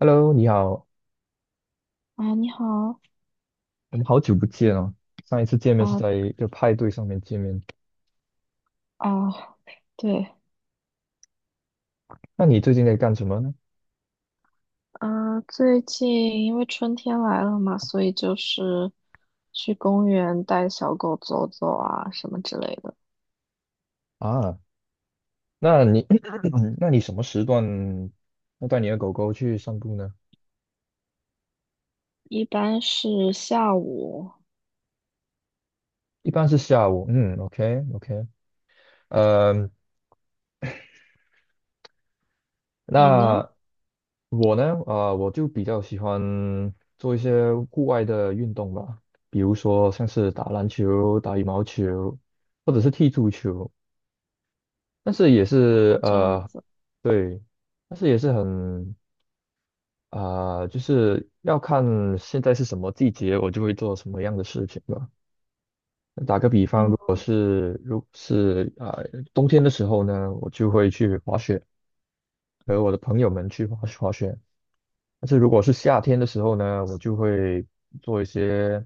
Hello，你好，啊，你好我们好久不见哦。上一次见面是啊在一个派对上面见面，啊，对，那你最近在干什么呢？嗯、最近因为春天来了嘛，所以就是去公园带小狗走走啊，什么之类的。啊，那你 那你什么时段要带你的狗狗去散步呢？一般是下午，一般是下午，嗯，OK OK。呃，你呢？那我呢，我就比较喜欢做一些户外的运动吧，比如说像是打篮球、打羽毛球，或者是踢足球。但是也啊，是这样子，对，但是也是很就是要看现在是什么季节，我就会做什么样的事情吧。嗯，是啊、冬天的时候呢，我就会去滑雪，和我的朋友们去滑滑雪。但是如果是夏天的时候呢，我就会做一些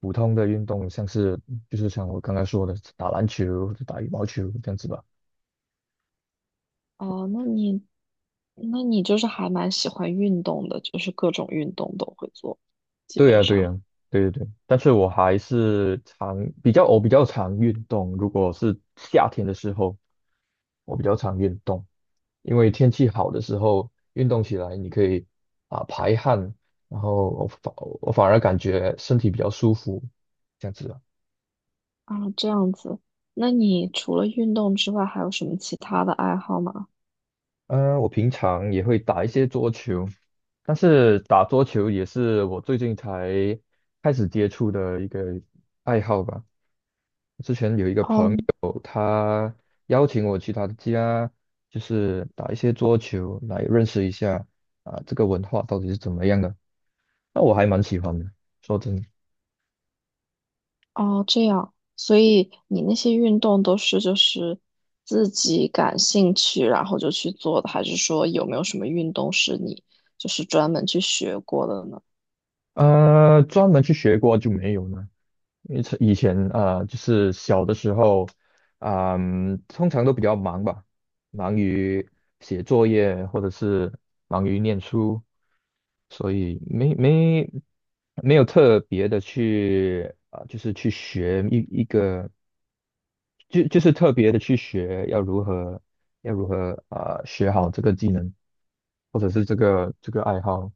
普通的运动，像是就是像我刚刚说的打篮球、打羽毛球这样子吧。哦，那你就是还蛮喜欢运动的，就是各种运动都会做，基对呀，本对呀，上。对对对，但是我还是常比较常运动，如果是夏天的时候，我比较常运动，因为天气好的时候运动起来，你可以排汗，然后我反而感觉身体比较舒服，这样子啊。啊，这样子。那你除了运动之外，还有什么其他的爱好吗？我平常也会打一些桌球，但是打桌球也是我最近才开始接触的一个爱好吧。嗯。邀请我去他的家，就是打一些桌球来认识一下啊，这个文化到底是怎么样的。那我还蛮喜欢的，说真的。哦，这样，所以你那些运动都是就是自己感兴趣，然后就去做的，还是说有没有什么运动是你就是专门去学过的呢？专门去学过就没有呢。因为是以前啊就是小的时候，通常都比较忙吧，忙于写作业或者是忙于念书，所以没有特别的去就是去学一个，就是特别的去学要如何学好这个技能，或者是这个爱好。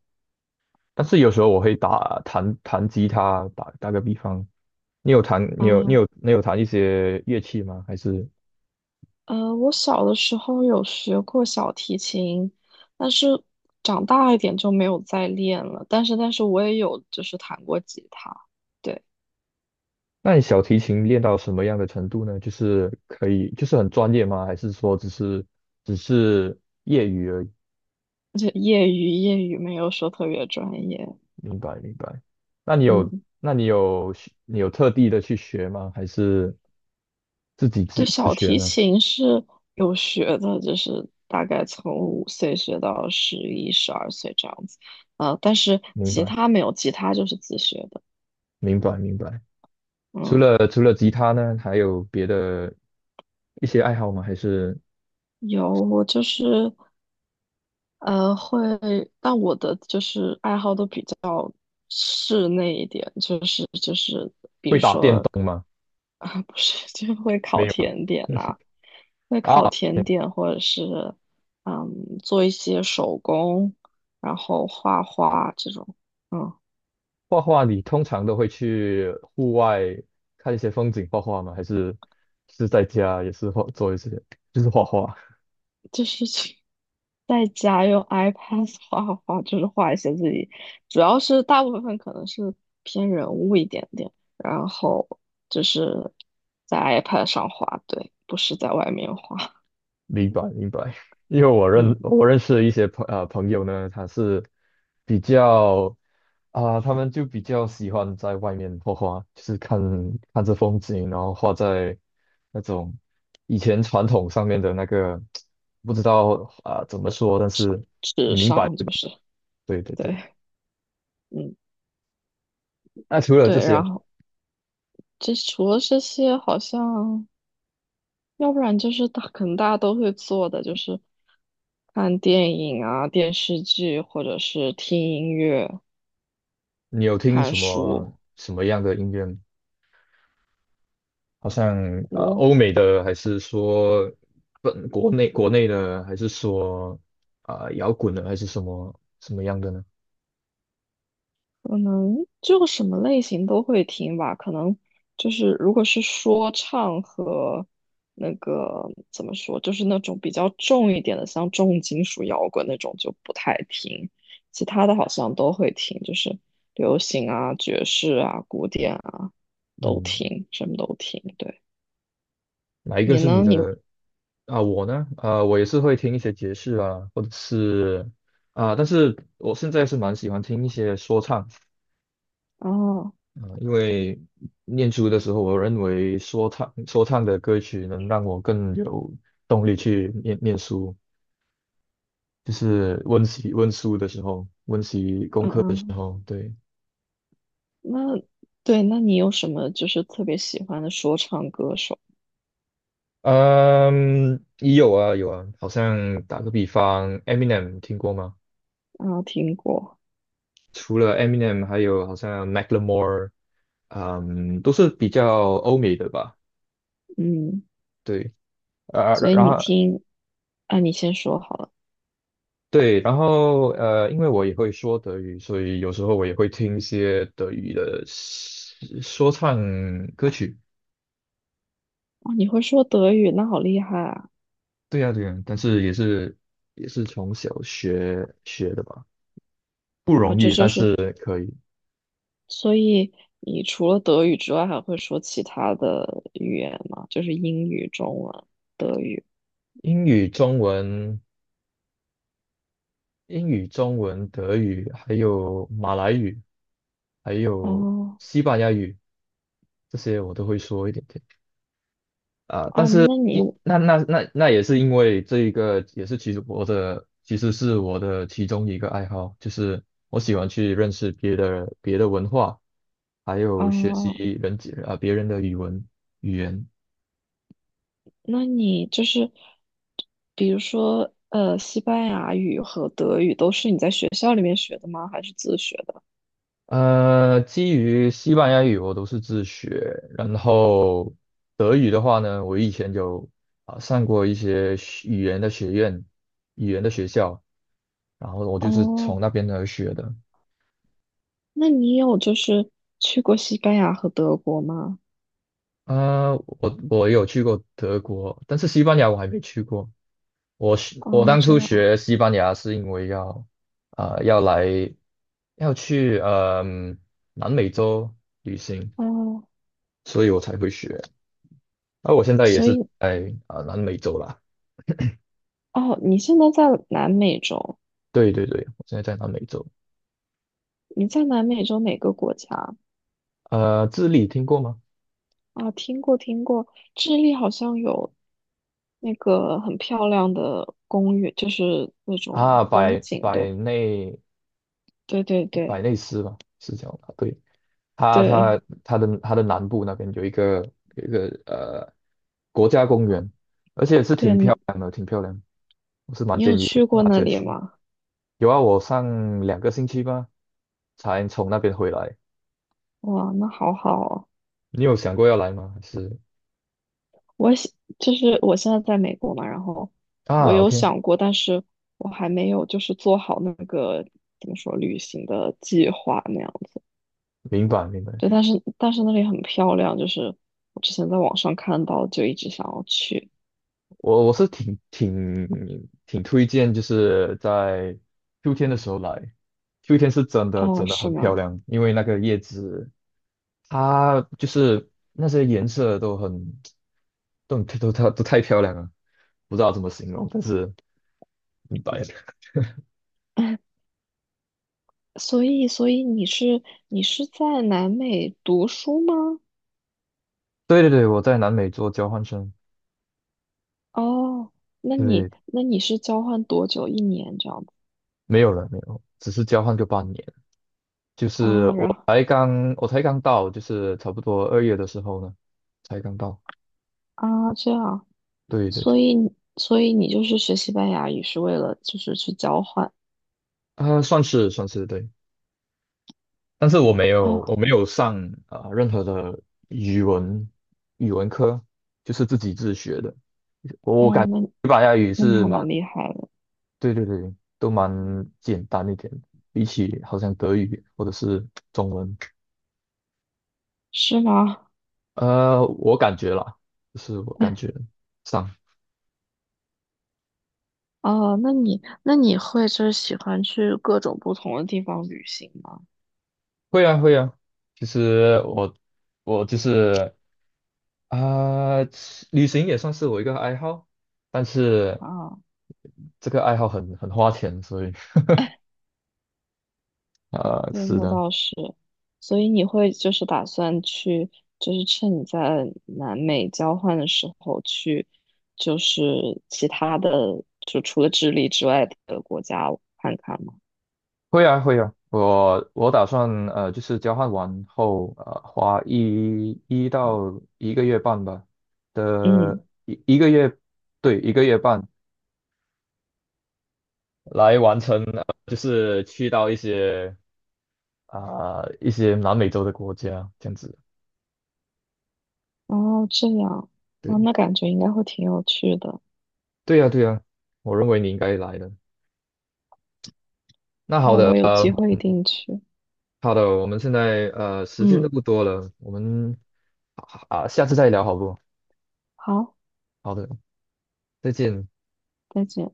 但是有时候我会弹弹吉他，打个比方，你有弹你有你啊，有你有弹一些乐器吗？还是呃，我小的时候有学过小提琴，但是长大一点就没有再练了。但是我也有就是弹过吉他，对，那你小提琴练到什么样的程度呢？就是可以就是很专业吗？还是说只是。而且业余，没有说特别专业，明白明白？那你有嗯。那你有你有特地的去学吗？还是自己对，小学提呢？琴是有学的，就是大概从5岁学到11、12岁这样子。呃，但是明吉白他没有，吉他就是自学的。明白明白。除嗯，了除了吉他呢，还有别的一些爱好吗？还是有，我就是呃，会，但我的就是爱好都比较室内一点，就是，比会如打电说动吗？啊，不是，就会没烤有啊？甜点呐、会啊，烤甜点，或者是嗯，做一些手工，然后画画这种，嗯。画画你通常都会去户外看一些风景画画吗？还是是在家也是画做一些就是画画？就是去在家用 iPad 画画画，就是画一些自己，主要是大部分可能是偏人物一点点，然后就是在 iPad 上画，对，不是在外面画，明白明白。因为嗯，我认识一些朋友呢，他是比较他们就比较喜欢在外面画画，就是看着风景，然后画在那种以前传统上面的那个，不知道啊、怎么说，但是纸上就是对对对。对，嗯那除了这对，些。然后这除了这些，好像要不然就是大，可能大家都会做的，就是看电影啊、电视剧，或者是听音乐、你有听看什么书。样的音乐吗？好像我欧美的，还是说本国内国内的，还是说摇滚的，还是什么样的呢？可能就什么类型都会听吧，可能就是如果是说唱和那个怎么说，就是那种比较重一点的，像重金属摇滚那种就不太听，其他的好像都会听，就是流行啊、爵士啊、古典啊都嗯，听，什么都听。对，哪一个你是你呢？的？啊？我呢？我也是会听一些爵士啊，或者是但是我现在是蛮喜欢听一些说唱。哦，因为念书的时候，我认为说唱的歌曲能让我更有动力去念念书。就是温习温书的时候，温习功嗯课的时嗯，候，对。那对，那你有什么就是特别喜欢的说唱歌手？嗯，也有啊有啊，好像打个比方，Eminem 听过吗？啊？听过，除了 Eminem，还有好像 Macklemore，都是比较欧美的吧，嗯。对。啊，所然以然你后听，啊，你先说好了。对，然后因为我也会说德语，所以有时候我也会听一些德语的说唱歌曲。哦，你会说德语，那好厉害啊！对呀对呀，但是也是从小学学的吧。不哦，容这易，但就是，是可以。所以你除了德语之外，还会说其他的语言吗？就是英语、中文、德语。英语、中文、英语、中文、德语，还有马来语，还有哦，西班牙语，这些我都会说一点点啊。但啊，是，那你，一那那那那也是因为这一个，也是其实是我的其中一个爱好，就是我喜欢去认识别的文化，还有学习哦，人别人的语言。那你就是，比如说，呃，西班牙语和德语都是你在学校里面学的吗？还是自学的？基于西班牙语我都是自学，然后德语的话呢，我以前有上过一些学语言的语言的学校，然后我就是哦，从那边而学的。那你有就是去过西班牙和德国吗？啊，我有去过德国，但是西班牙我还没去过。我哦，当这初样，学西班牙是因为要啊、呃要来要去南美洲旅行，哦。所以我才会学。而我现在也所是以，在南美洲啦。哦，你现在在南美洲？对对对，我现在在南美洲。你在南美洲哪个国家智利听过吗？啊？听过听过，智利好像有那个很漂亮的公园，就是那种啊，风景，对对对对百内斯吧，是叫吧？对，对它的南部那边有一个有一个呃国家公园，而且是对，挺漂你亮的，挺漂亮。我是蛮你有建议去过大那家里去。吗？有啊，我上2个星期吧，才从那边回来。哇，那好好哦。你有想过要来吗？还是我想就是我现在在美国嘛，然后我啊有，OK，想过，但是我还没有就是做好那个怎么说旅行的计划那样。明白明白。对，但是那里很漂亮，就是我之前在网上看到，就一直想要去。我是挺推荐，就是在秋天的时候来，秋天是真的哦，真的是很漂吗？亮，因为那个叶子它就是那些颜色都很都很都它都太漂亮了，不知道怎么形容，但是明白了 所以你是在南美读书吗？对对对，我在南美做交换生。哦，那你对，是交换多久？一年这样子没有了没有，只是交换个半年，就是啊？然后我才刚到，就是差不多2月的时候呢，才刚到。啊这样，对对对，所以你就是学西班牙语是为了就是去交换？算是对。但是我哦没有上任何的语文语文科，就是自己自学的。我哦，感觉那西班牙语那你是还蛮，蛮厉害的，对对对，都蛮简单一点的比起好像德语或者是中文。是吗？我感觉啦，就是我感觉上哦，那你会就是喜欢去各种不同的地方旅行吗？会啊会啊，其实我就是啊、旅行也算是我一个爱好，但是啊，这个爱好很花钱，所以对，是那的。倒是。所以你会就是打算去，就是趁你在南美交换的时候去，就是其他的，就除了智利之外的国家看看吗？会啊会啊，我打算就是交换完后花一到一个月半吧嗯，的一个月。对，一个月半来完成，就是去到一些南美洲的国家这样子。哦，这样，哦，对那感觉应该会挺有趣的。对呀对呀，我认为你应该来的。那好哦，我的有机会一定去。好的，我们现在时间嗯，都不多了，我们啊下次再聊好不好，好？好的，再见。再见。